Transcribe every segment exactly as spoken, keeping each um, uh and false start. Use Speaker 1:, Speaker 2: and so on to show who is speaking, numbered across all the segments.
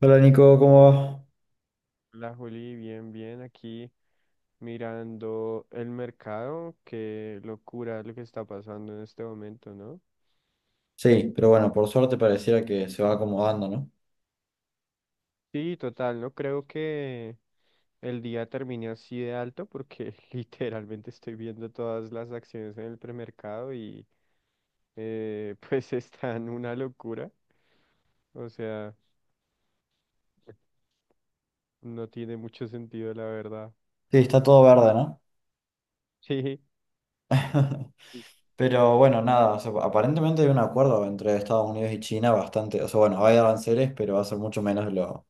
Speaker 1: Hola Nico, ¿cómo va?
Speaker 2: La Juli, bien, bien, aquí mirando el mercado, qué locura lo que está pasando en este momento, ¿no?
Speaker 1: Sí, pero bueno, por suerte pareciera que se va acomodando, ¿no?
Speaker 2: Sí, total, no creo que el día termine así de alto porque literalmente estoy viendo todas las acciones en el premercado y eh, pues están una locura, o sea, no tiene mucho sentido la verdad.
Speaker 1: Sí, está todo verde, ¿no?
Speaker 2: Sí,
Speaker 1: Pero bueno, nada, o sea, aparentemente hay un acuerdo entre Estados Unidos y China bastante, o sea, bueno, hay aranceles, pero va a ser mucho menos de lo,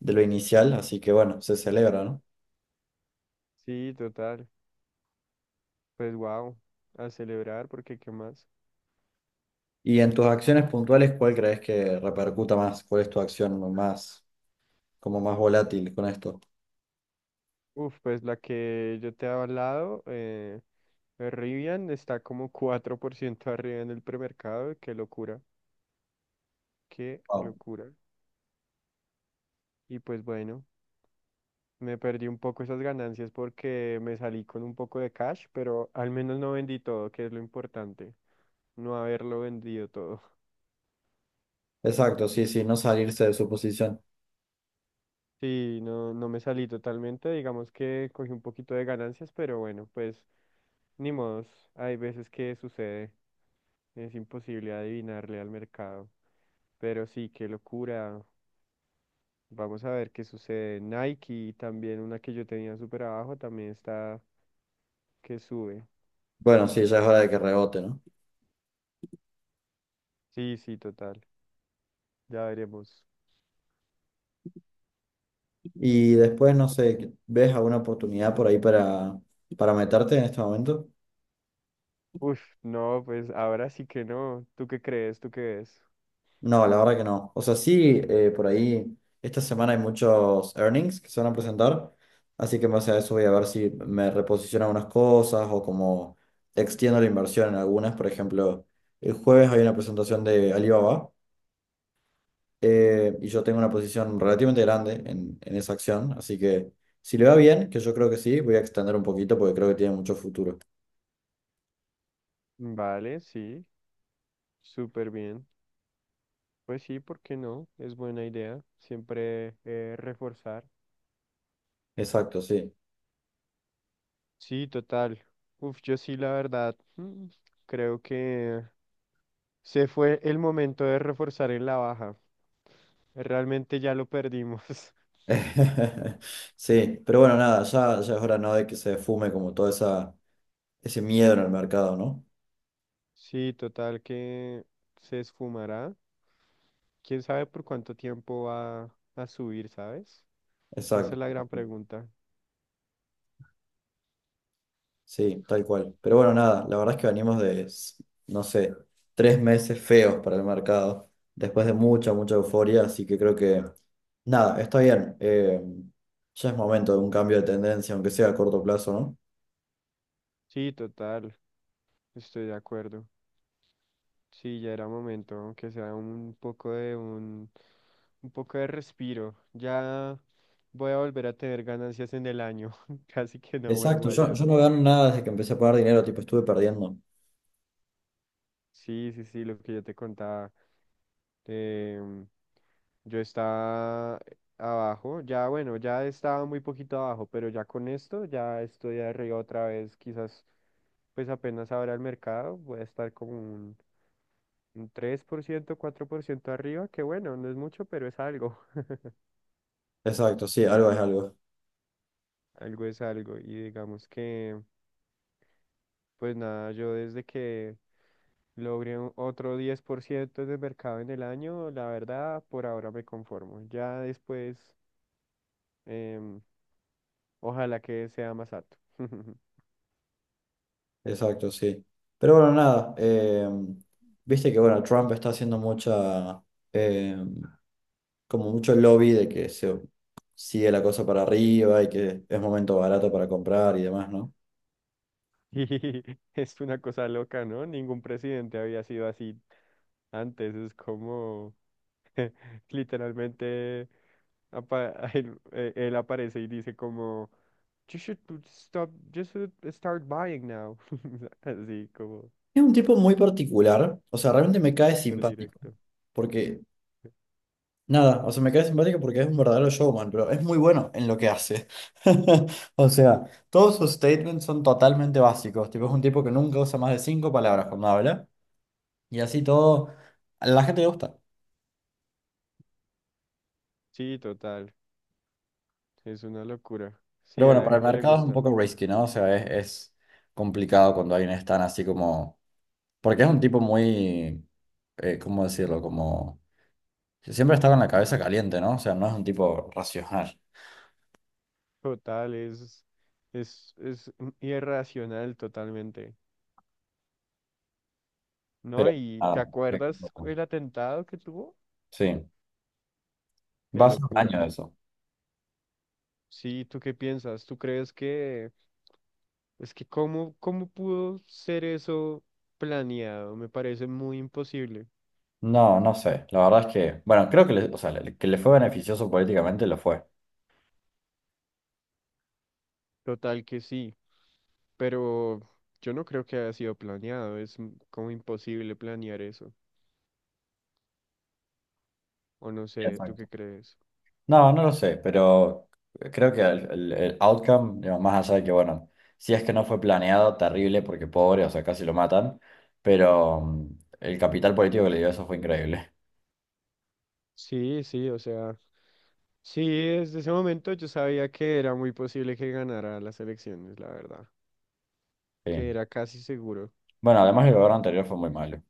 Speaker 1: de lo inicial, así que bueno, se celebra, ¿no?
Speaker 2: sí, total, pues wow, a celebrar porque ¿qué más?
Speaker 1: Y en tus acciones puntuales, ¿cuál crees que repercuta más? ¿Cuál es tu acción más, como más volátil con esto?
Speaker 2: Uf, pues la que yo te he hablado. Eh, Rivian está como cuatro por ciento arriba en el premercado. Qué locura, qué
Speaker 1: Wow.
Speaker 2: locura. Y pues bueno, me perdí un poco esas ganancias porque me salí con un poco de cash, pero al menos no vendí todo, que es lo importante, no haberlo vendido todo.
Speaker 1: Exacto, sí, sí, no salirse de su posición.
Speaker 2: Sí, no, no me salí totalmente, digamos que cogí un poquito de ganancias, pero bueno, pues ni modos, hay veces que sucede, es imposible adivinarle al mercado. Pero sí, qué locura. Vamos a ver qué sucede. Nike, también una que yo tenía súper abajo, también está que sube.
Speaker 1: Bueno, sí, ya es hora de que rebote, ¿no?
Speaker 2: Sí, sí, total. Ya veremos.
Speaker 1: Y después, no sé, ¿ves alguna oportunidad por ahí para, para meterte en este momento?
Speaker 2: Uf, no, pues ahora sí que no. ¿Tú qué crees? ¿Tú qué ves?
Speaker 1: No, la verdad que no. O sea, sí, eh, por ahí esta semana hay muchos earnings que se van a presentar, así que en base a eso voy a ver si me reposiciono algunas cosas o como extiendo la inversión en algunas. Por ejemplo, el jueves hay una presentación de Alibaba, eh, y yo tengo una posición relativamente grande en, en esa acción, así que si le va bien, que yo creo que sí, voy a extender un poquito porque creo que tiene mucho futuro.
Speaker 2: Vale, sí, súper bien. Pues sí, ¿por qué no? Es buena idea. Siempre eh, reforzar.
Speaker 1: Exacto, sí.
Speaker 2: Sí, total. Uf, yo sí, la verdad, mm, creo que se fue el momento de reforzar en la baja. Realmente ya lo perdimos.
Speaker 1: Sí, pero bueno, nada, ya, ya es hora, ¿no? De que se fume como todo esa, ese miedo en el mercado, ¿no?
Speaker 2: Sí, total que se esfumará. ¿Quién sabe por cuánto tiempo va a subir, sabes? Esa
Speaker 1: Exacto.
Speaker 2: es la gran pregunta.
Speaker 1: Sí, tal cual. Pero bueno, nada, la verdad es que venimos de, s- no sé, tres meses feos para el mercado, después de mucha, mucha euforia, así que creo que, nada, está bien. Eh, ya es momento de un cambio de tendencia, aunque sea a corto plazo, ¿no?
Speaker 2: Sí, total, estoy de acuerdo. Sí, ya era momento, aunque sea un poco de un, un poco de respiro. Ya voy a volver a tener ganancias en el año. Casi que no vuelvo
Speaker 1: Exacto, yo,
Speaker 2: allá.
Speaker 1: yo no gano nada desde que empecé a pagar dinero, tipo, estuve perdiendo.
Speaker 2: Sí, sí, sí, lo que yo te contaba. Em, yo estaba abajo, ya bueno, ya estaba muy poquito abajo, pero ya con esto ya estoy arriba otra vez, quizás pues apenas ahora el mercado, voy a estar como un, un tres por ciento cuatro por ciento arriba, que bueno, no es mucho, pero es algo,
Speaker 1: Exacto, sí, algo es algo.
Speaker 2: algo es algo. Y digamos que, pues nada, yo desde que logré un- otro diez por ciento de mercado en el año, la verdad, por ahora me conformo. Ya después... em, ojalá que sea Masato.
Speaker 1: Exacto, sí. Pero bueno, nada, eh, viste que bueno, Trump está haciendo mucha, eh, como mucho lobby de que se sigue la cosa para arriba y que es momento barato para comprar y demás, ¿no?
Speaker 2: Y es una cosa loca, ¿no? Ningún presidente había sido así antes. Es como literalmente apa- él, eh, él aparece y dice como you should to stop, you should start buying now. Así como
Speaker 1: Es un tipo muy particular, o sea, realmente me cae
Speaker 2: súper
Speaker 1: simpático,
Speaker 2: directo.
Speaker 1: porque nada, o sea, me cae simpático porque es un verdadero showman, pero es muy bueno en lo que hace. O sea, todos sus statements son totalmente básicos, tipo, es un tipo que nunca usa más de cinco palabras cuando habla. Y así todo, a la gente le gusta.
Speaker 2: Sí, total. Es una locura. Sí,
Speaker 1: Pero
Speaker 2: a
Speaker 1: bueno,
Speaker 2: la
Speaker 1: para el
Speaker 2: gente le
Speaker 1: mercado es un
Speaker 2: gusta.
Speaker 1: poco risky, ¿no? O sea, es, es complicado cuando hay un stand así como. Porque es un tipo muy. Eh, ¿cómo decirlo? Como. Que siempre está con la cabeza caliente, ¿no? O sea, no es un tipo racional.
Speaker 2: Total, es, es, es mm, irracional totalmente. ¿No?
Speaker 1: Pero,
Speaker 2: ¿Y te
Speaker 1: ah,
Speaker 2: acuerdas cu- el atentado que tuvo?
Speaker 1: sí,
Speaker 2: Qué
Speaker 1: va a ser un
Speaker 2: locura.
Speaker 1: año de eso.
Speaker 2: Sí, ¿tú qué piensas? ¿Tú crees que es que cómo, cómo pudo ser eso planeado? Me parece muy imposible.
Speaker 1: No, no sé. La verdad es que, bueno, creo que le, o sea, le- que le fue beneficioso políticamente, lo fue.
Speaker 2: Total que sí, pero yo no creo que haya sido planeado. Es m- como imposible planear eso. O no sé, ¿tú qué
Speaker 1: Exacto.
Speaker 2: crees?
Speaker 1: No, no lo sé, pero creo que el, el- el outcome, digamos, más allá de que, bueno, si es que no fue planeado, terrible, porque pobre, o sea, casi lo matan, pero mm, el capital político que le dio eso fue increíble.
Speaker 2: Sí, sí, o sea, sí, desde ese momento yo sabía que era muy posible que ganara las elecciones, la verdad, que
Speaker 1: Sí.
Speaker 2: era casi seguro.
Speaker 1: Bueno, además el gobierno anterior fue muy malo.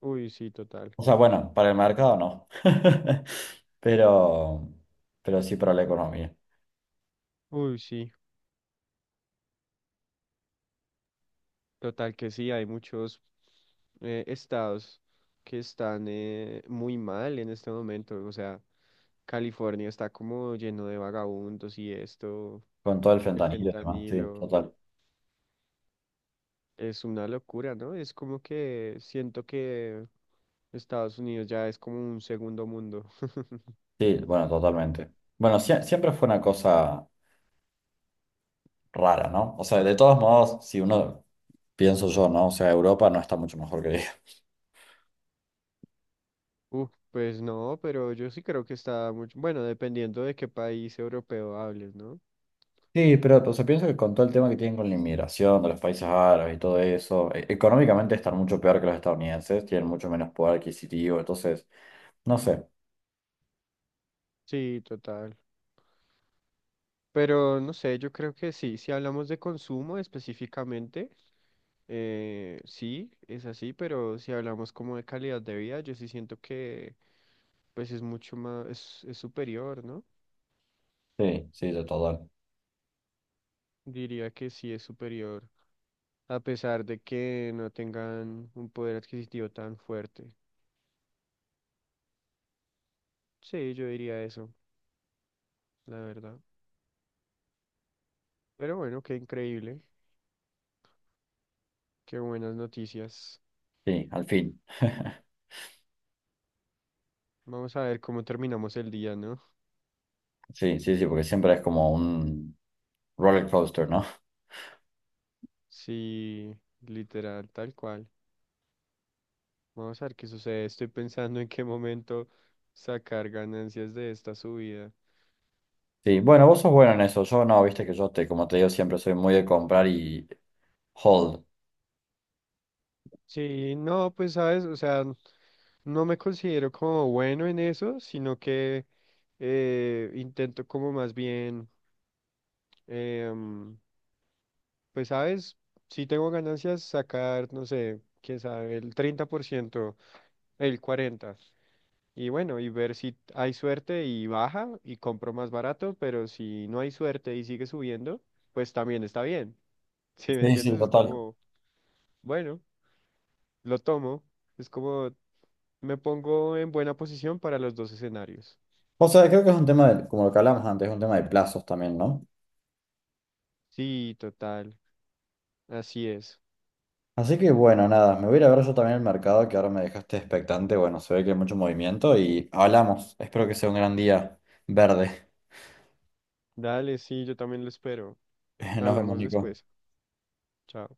Speaker 2: Uy, sí, total.
Speaker 1: O sea, bueno, para el mercado no, pero, pero sí para la economía,
Speaker 2: Uy, sí. Total que sí, hay muchos eh, estados que están eh, muy mal en este momento. O sea, California está como lleno de vagabundos y esto,
Speaker 1: con todo el
Speaker 2: el
Speaker 1: fentanilo y demás, sí,
Speaker 2: fentanilo,
Speaker 1: total.
Speaker 2: es una locura, ¿no? Es como que siento que Estados Unidos ya es como un segundo mundo.
Speaker 1: Sí, bueno, totalmente. Bueno, sie- siempre fue una cosa rara, ¿no? O sea, de todos modos, si uno pienso yo, ¿no? O sea, Europa no está mucho mejor que ella.
Speaker 2: Uh, pues no, pero yo sí creo que está mucho, bueno, dependiendo de qué país europeo hables, ¿no?
Speaker 1: Sí, pero o sea, pienso que con todo el tema que tienen con la inmigración de los países árabes y todo eso, e- económicamente están mucho peor que los estadounidenses, tienen mucho menos poder adquisitivo, entonces, no sé.
Speaker 2: Sí, total. Pero no sé, yo creo que sí, si hablamos de consumo específicamente. Eh, sí, es así, pero si hablamos como de calidad de vida, yo sí siento que pues es mucho más, es, es superior, ¿no?
Speaker 1: Sí, sí, de todo.
Speaker 2: Diría que sí es superior, a pesar de que no tengan un poder adquisitivo tan fuerte. Sí, yo diría eso, la verdad. Pero bueno, qué increíble, qué buenas noticias.
Speaker 1: Sí, al fin.
Speaker 2: Vamos a ver cómo terminamos el día, ¿no?
Speaker 1: Sí, sí, sí, porque siempre es como un roller coaster, ¿no?
Speaker 2: Sí, literal, tal cual. Vamos a ver qué sucede. Estoy pensando en qué momento sacar ganancias de esta subida.
Speaker 1: Sí, bueno, vos sos bueno en eso. Yo no, viste que yo te, como te digo, siempre soy muy de comprar y hold.
Speaker 2: Sí, no, pues sabes, o sea, no me considero como bueno en eso, sino que eh, intento como más bien, em, pues sabes, si tengo ganancias, sacar, no sé, quién sabe, el treinta por ciento el cuarenta por ciento, y bueno, y ver si hay suerte y baja y compro más barato, pero si no hay suerte y sigue subiendo, pues también está bien. ¿Sí me
Speaker 1: Sí,
Speaker 2: entiendes?
Speaker 1: sí,
Speaker 2: Es
Speaker 1: total.
Speaker 2: como, bueno, lo tomo. Es como me pongo en buena posición para los dos escenarios.
Speaker 1: O sea, creo que es un tema de, como lo que hablamos antes, es un tema de plazos también, ¿no?
Speaker 2: Sí, total. Así es.
Speaker 1: Así que bueno, nada, me voy a ir a ver yo también el mercado que ahora me dejaste expectante. Bueno, se ve que hay mucho movimiento y hablamos. Espero que sea un gran día verde.
Speaker 2: Dale, sí, yo también lo espero.
Speaker 1: Nos vemos,
Speaker 2: Hablamos después.
Speaker 1: Nico.
Speaker 2: Chao.